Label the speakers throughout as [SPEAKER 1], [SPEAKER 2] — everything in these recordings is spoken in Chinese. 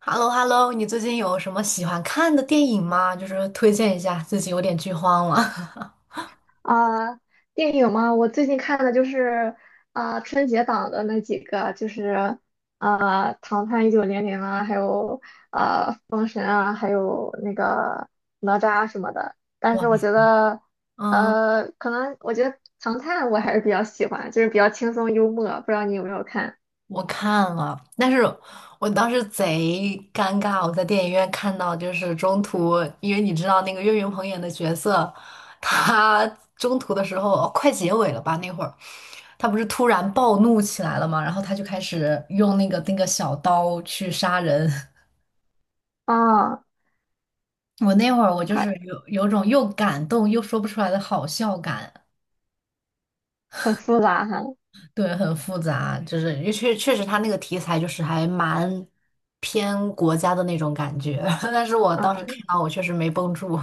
[SPEAKER 1] h e l l o h e l l o 你最近有什么喜欢看的电影吗？就是推荐一下，最近有点剧荒了。
[SPEAKER 2] 啊，电影嘛，我最近看的就是啊、春节档的那几个，就是啊、唐探一九零零》啊，还有啊、封神》啊，还有那个哪吒什么的。但
[SPEAKER 1] 哇，
[SPEAKER 2] 是我觉得，
[SPEAKER 1] 嗯，
[SPEAKER 2] 可能我觉得《唐探》我还是比较喜欢，就是比较轻松幽默。不知道你有没有看？
[SPEAKER 1] 我看了，但是我当时贼尴尬，我在电影院看到就是中途，因为你知道那个岳云鹏演的角色，他中途的时候，哦快结尾了吧那会儿，他不是突然暴怒起来了嘛，然后他就开始用那个小刀去杀人。
[SPEAKER 2] 啊，
[SPEAKER 1] 我那会儿我就是
[SPEAKER 2] 它
[SPEAKER 1] 有种又感动又说不出来的好笑感。
[SPEAKER 2] 很复杂哈。
[SPEAKER 1] 对，很复杂，就是因为确实他那个题材就是还蛮偏国家的那种感觉，但是我当时
[SPEAKER 2] 嗯，
[SPEAKER 1] 看到我确实没绷住。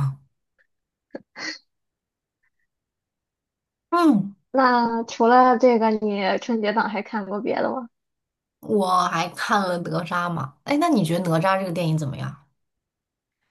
[SPEAKER 1] 嗯，
[SPEAKER 2] 那除了这个，你春节档还看过别的吗？
[SPEAKER 1] 我还看了哪吒嘛，哎，那你觉得哪吒这个电影怎么样？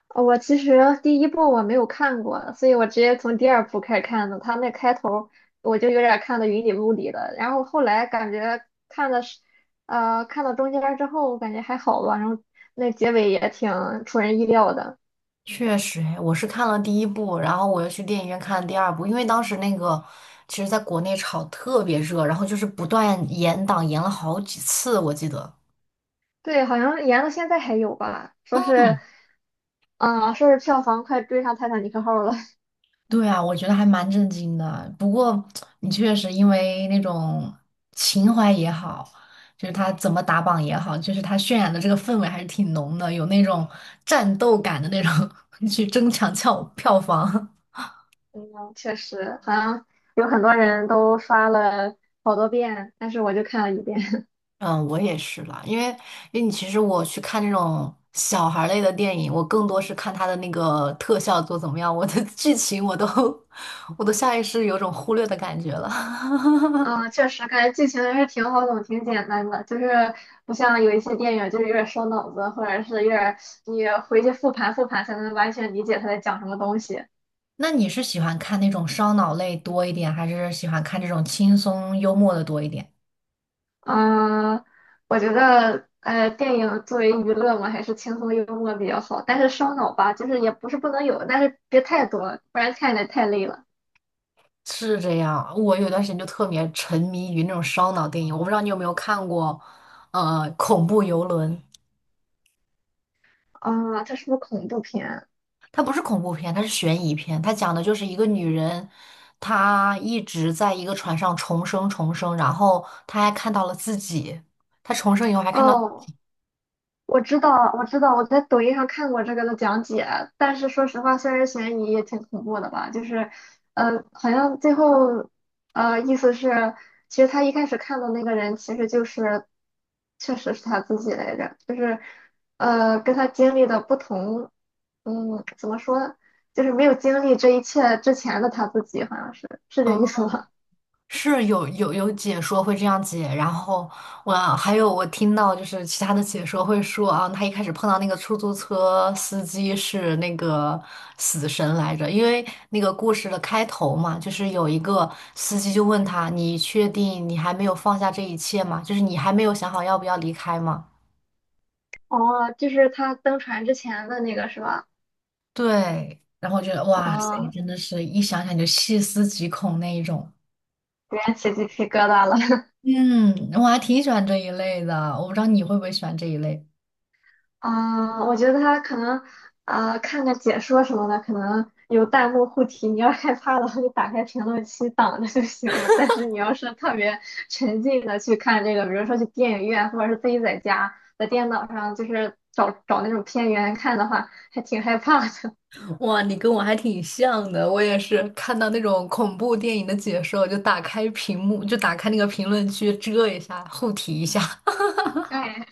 [SPEAKER 2] 我其实第一部我没有看过，所以我直接从第二部开始看的。他那开头我就有点看的云里雾里的，然后后来感觉看的是，看到中间儿之后感觉还好吧，然后那结尾也挺出人意料的。
[SPEAKER 1] 确实，哎，我是看了第一部，然后我又去电影院看了第二部，因为当时那个其实在国内炒特别热，然后就是不断延档，延了好几次，我记得。
[SPEAKER 2] 对，好像延到现在还有吧，说是，嗯、说是票房快追上《泰坦尼克号》了。
[SPEAKER 1] 对啊，我觉得还蛮震惊的。不过你确实因为那种情怀也好，就是他怎么打榜也好，就是他渲染的这个氛围还是挺浓的，有那种战斗感的那种 去争抢票房。
[SPEAKER 2] 嗯，确实，好像有很多人都刷了好多遍，但是我就看了一遍。
[SPEAKER 1] 嗯，我也是啦，因为你其实我去看这种小孩儿类的电影，我更多是看它的那个特效做怎么样，我的剧情我都 我都下意识有种忽略的感觉了。
[SPEAKER 2] 嗯，确实感觉剧情还是挺好懂、挺简单的，就是不像有一些电影，就是有点烧脑子，或者是有点你回去复盘复盘才能完全理解他在讲什么东西。
[SPEAKER 1] 那你是喜欢看那种烧脑类多一点，还是喜欢看这种轻松幽默的多一点？
[SPEAKER 2] 嗯，我觉得电影作为娱乐嘛，还是轻松幽默比较好，但是烧脑吧，就是也不是不能有，但是别太多，不然看着太累了。
[SPEAKER 1] 是这样，我有段时间就特别沉迷于那种烧脑电影，我不知道你有没有看过，《恐怖游轮》。
[SPEAKER 2] 啊、这是不是恐怖片？
[SPEAKER 1] 它不是恐怖片，它是悬疑片。它讲的就是一个女人，她一直在一个船上重生重生，然后她还看到了自己，她重生以后还看到。
[SPEAKER 2] 哦。我知道，我知道，我在抖音上看过这个的讲解，但是说实话，虽然悬疑也挺恐怖的吧，就是，好像最后，意思是，其实他一开始看的那个人，其实就是，确实是他自己来着，就是，跟他经历的不同，嗯，怎么说，就是没有经历这一切之前的他自己，好像是这意
[SPEAKER 1] 嗯，
[SPEAKER 2] 思吧？
[SPEAKER 1] 是有解说会这样解，然后我还有我听到就是其他的解说会说啊，他一开始碰到那个出租车司机是那个死神来着，因为那个故事的开头嘛，就是有一个司机就问他，你确定你还没有放下这一切吗？就是你还没有想好要不要离开吗？
[SPEAKER 2] 哦，就是他登船之前的那个是吧？
[SPEAKER 1] 对，然后我觉得哇塞，
[SPEAKER 2] 啊，
[SPEAKER 1] 真的是一想想就细思极恐那一种。
[SPEAKER 2] 有点起鸡皮疙瘩了。
[SPEAKER 1] 嗯，我还挺喜欢这一类的，我不知道你会不会喜欢这一类。
[SPEAKER 2] 啊，我觉得他可能啊，看个解说什么的，可能有弹幕护体。你要害怕的话，就打开评论区挡着就行了。但是你要是特别沉浸的去看这个，比如说去电影院，或者是自己在家在电脑上，就是找找那种片源看的话，还挺害怕的。
[SPEAKER 1] 哇，你跟我还挺像的，我也是看到那种恐怖电影的解说，就打开屏幕，就打开那个评论区遮一下，护体一下。
[SPEAKER 2] 哎，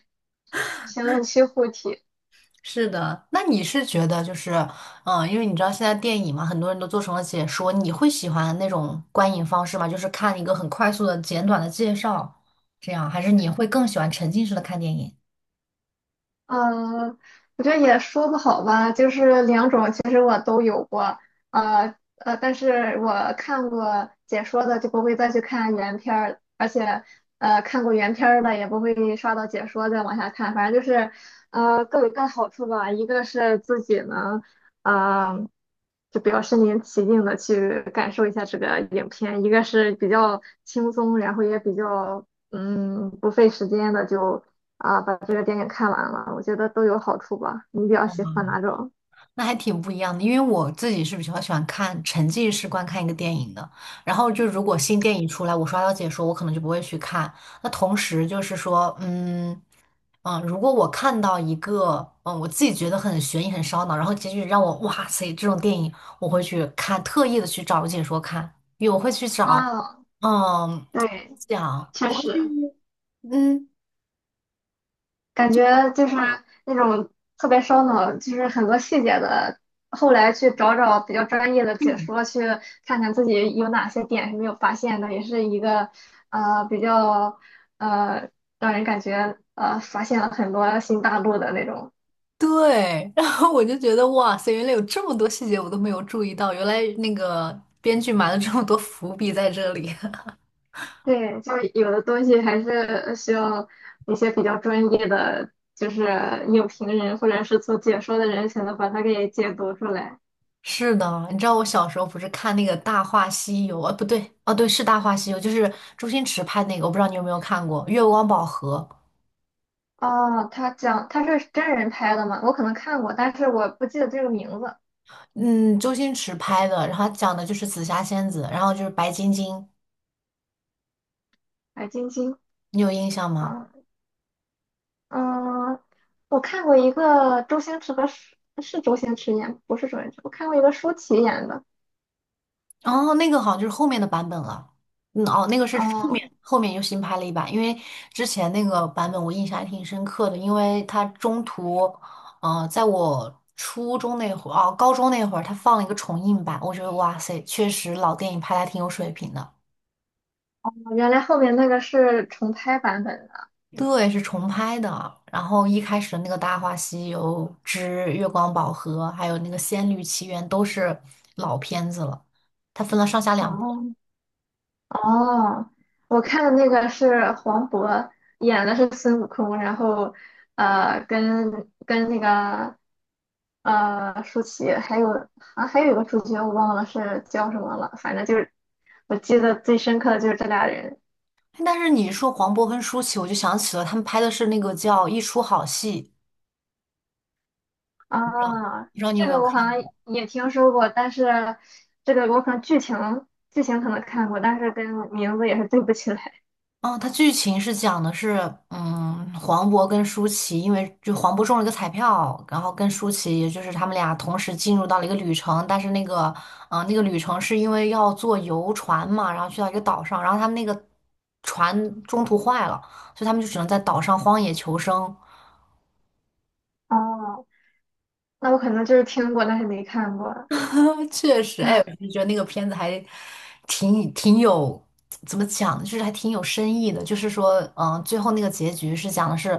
[SPEAKER 2] 评论区护体。
[SPEAKER 1] 是的，那你是觉得就是，嗯，因为你知道现在电影嘛，很多人都做成了解说，你会喜欢那种观影方式吗？就是看一个很快速的、简短的介绍，这样，还是你会更喜欢沉浸式的看电影？
[SPEAKER 2] 嗯，我觉得也说不好吧，就是两种，其实我都有过，但是我看过解说的就不会再去看原片儿，而且看过原片儿的也不会刷到解说再往下看，反正就是各有各的好处吧，一个是自己能呃就比较身临其境的去感受一下这个影片，一个是比较轻松，然后也比较不费时间的就。啊，把这个电影看完了，我觉得都有好处吧。你比较喜欢哪种？
[SPEAKER 1] 那还挺不一样的，因为我自己是比较喜欢看沉浸式观看一个电影的。然后就如果新电影出来，我刷到解说，我可能就不会去看。那同时就是说，嗯嗯，如果我看到一个我自己觉得很悬疑、很烧脑，然后结局让我哇塞这种电影，我会去看，特意的去找解说看，因为我会去找，
[SPEAKER 2] 啊，
[SPEAKER 1] 嗯，
[SPEAKER 2] 对，
[SPEAKER 1] 讲
[SPEAKER 2] 确
[SPEAKER 1] 我会去
[SPEAKER 2] 实，
[SPEAKER 1] 嗯。
[SPEAKER 2] 感觉就是那种特别烧脑，就是很多细节的。后来去找找比较专业的解说，去看看自己有哪些点是没有发现的，也是一个比较呃让人感觉发现了很多新大陆的那种。
[SPEAKER 1] 对，然后我就觉得哇塞，原来有这么多细节我都没有注意到，原来那个编剧埋了这么多伏笔在这里。
[SPEAKER 2] 对，就是有的东西还是需要一些比较专业的，就是影评人或者是做解说的人才能把它给解读出来。
[SPEAKER 1] 是的，你知道我小时候不是看那个《大话西游》啊？不对，哦对，是《大话西游》，就是周星驰拍那个，我不知道你有没有看过《月光宝盒》。
[SPEAKER 2] 哦，他讲他是真人拍的吗？我可能看过，但是我不记得这个名字。
[SPEAKER 1] 嗯，周星驰拍的，然后他讲的就是紫霞仙子，然后就是白晶晶，
[SPEAKER 2] 白晶晶
[SPEAKER 1] 你有印象吗？
[SPEAKER 2] 啊，嗯，我看过一个周星驰和舒是周星驰演，不是周星驰，我看过一个舒淇演的。
[SPEAKER 1] 哦，那个好像就是后面的版本了。嗯，哦，那个是后
[SPEAKER 2] 哦，
[SPEAKER 1] 面后面又新拍了一版，因为之前那个版本我印象还挺深刻的，因为它中途，在我初中那会儿，哦，高中那会儿，它放了一个重映版，我觉得哇塞，确实老电影拍的还挺有水平的。
[SPEAKER 2] 原来后面那个是重拍版本的。
[SPEAKER 1] 对，是重拍的。然后一开始的那个《大话西游之月光宝盒》，还有那个《仙律奇缘》都是老片子了，它分了上下两部。
[SPEAKER 2] 哦，哦，我看的那个是黄渤演的是孙悟空，然后呃，跟跟那个舒淇，还有一个主角我忘了是叫什么了，反正就是我记得最深刻的就是这俩人
[SPEAKER 1] 但是你说黄渤跟舒淇，我就想起了他们拍的是那个叫《一出好戏》，
[SPEAKER 2] 啊。
[SPEAKER 1] 不知道你有
[SPEAKER 2] 这
[SPEAKER 1] 没有
[SPEAKER 2] 个我
[SPEAKER 1] 看？
[SPEAKER 2] 好像也听说过，但是这个我可能剧情可能看过，但是跟名字也是对不起来。
[SPEAKER 1] 嗯，它剧情是讲的是，嗯，黄渤跟舒淇，因为就黄渤中了一个彩票，然后跟舒淇，也就是他们俩同时进入到了一个旅程，但是那个，嗯、那个旅程是因为要坐游船嘛，然后去到一个岛上，然后他们那个船中途坏了，所以他们就只能在岛上荒野求生。
[SPEAKER 2] 哦，那我可能就是听过，但是没看过。
[SPEAKER 1] 确实，哎，我就觉得那个片子还挺有，怎么讲，就是还挺有深意的。就是说，嗯、最后那个结局是讲的是，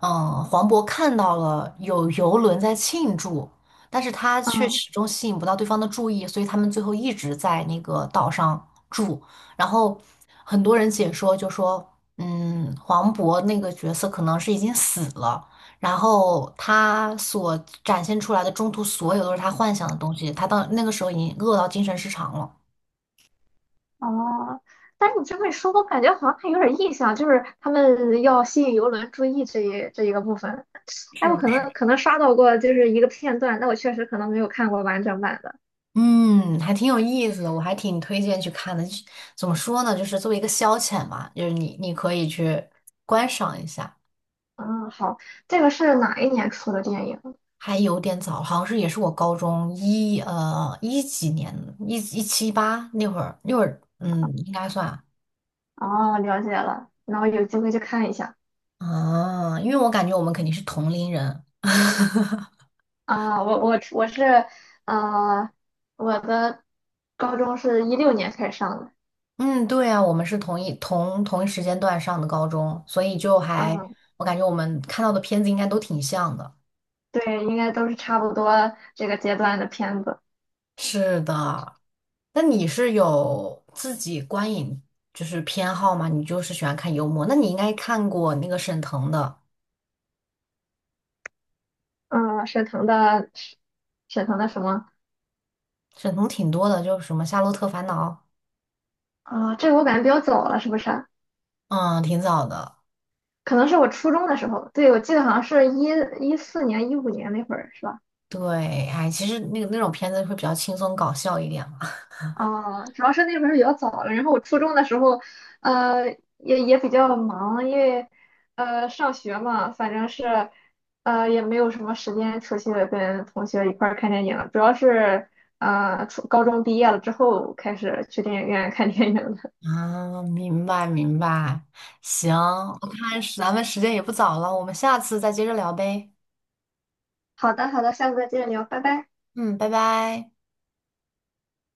[SPEAKER 1] 嗯、黄渤看到了有游轮在庆祝，但是他却
[SPEAKER 2] 嗯。
[SPEAKER 1] 始终吸引不到对方的注意，所以他们最后一直在那个岛上住。然后很多人解说就说，嗯，黄渤那个角色可能是已经死了。然后他所展现出来的中途所有都是他幻想的东西，他到那个时候已经饿到精神失常了。
[SPEAKER 2] 哦，但是你这么一说，我感觉好像还有点印象，就是他们要吸引游轮注意这一个部分。哎，
[SPEAKER 1] 是
[SPEAKER 2] 我
[SPEAKER 1] 不
[SPEAKER 2] 可
[SPEAKER 1] 是？
[SPEAKER 2] 能可能刷到过就是一个片段，但我确实可能没有看过完整版的。
[SPEAKER 1] 嗯，还挺有意思的，我还挺推荐去看的。就怎么说呢，就是作为一个消遣嘛，就是你可以去观赏一下。
[SPEAKER 2] 嗯，好，这个是哪一年出的电影？
[SPEAKER 1] 还有点早，好像是也是我高中一几年一七一八那会儿，嗯，应该算
[SPEAKER 2] 哦，了解了，那我有机会去看一下。
[SPEAKER 1] 啊，啊因为我感觉我们肯定是同龄人。
[SPEAKER 2] 啊，我是呃，我的高中是一六年开始上的，
[SPEAKER 1] 嗯，对啊，我们是同一时间段上的高中，所以就还
[SPEAKER 2] 嗯，
[SPEAKER 1] 我感觉我们看到的片子应该都挺像的。
[SPEAKER 2] 对，应该都是差不多这个阶段的片子。
[SPEAKER 1] 是的，那你是有自己观影就是偏好吗？你就是喜欢看幽默，那你应该看过那个沈腾的，
[SPEAKER 2] 嗯，沈腾的什么？
[SPEAKER 1] 沈腾挺多的，就是什么《夏洛特烦恼》，
[SPEAKER 2] 啊、这个我感觉比较早了，是不是啊？
[SPEAKER 1] 嗯，挺早的。
[SPEAKER 2] 可能是我初中的时候，对，我记得好像是一四年、一五年那会儿，是吧？
[SPEAKER 1] 对，哎，其实那个那种片子会比较轻松搞笑一点嘛。
[SPEAKER 2] 啊、主要是那会儿比较早了，然后我初中的时候，呃，也比较忙，因为上学嘛，反正是也没有什么时间出去跟同学一块儿看电影了主要是初高中毕业了之后开始去电影院看电影的。
[SPEAKER 1] 啊，明白明白，行，我看是咱们时间也不早了，我们下次再接着聊呗。
[SPEAKER 2] 好的，好的，下次再接着聊，拜拜。
[SPEAKER 1] 嗯，拜拜。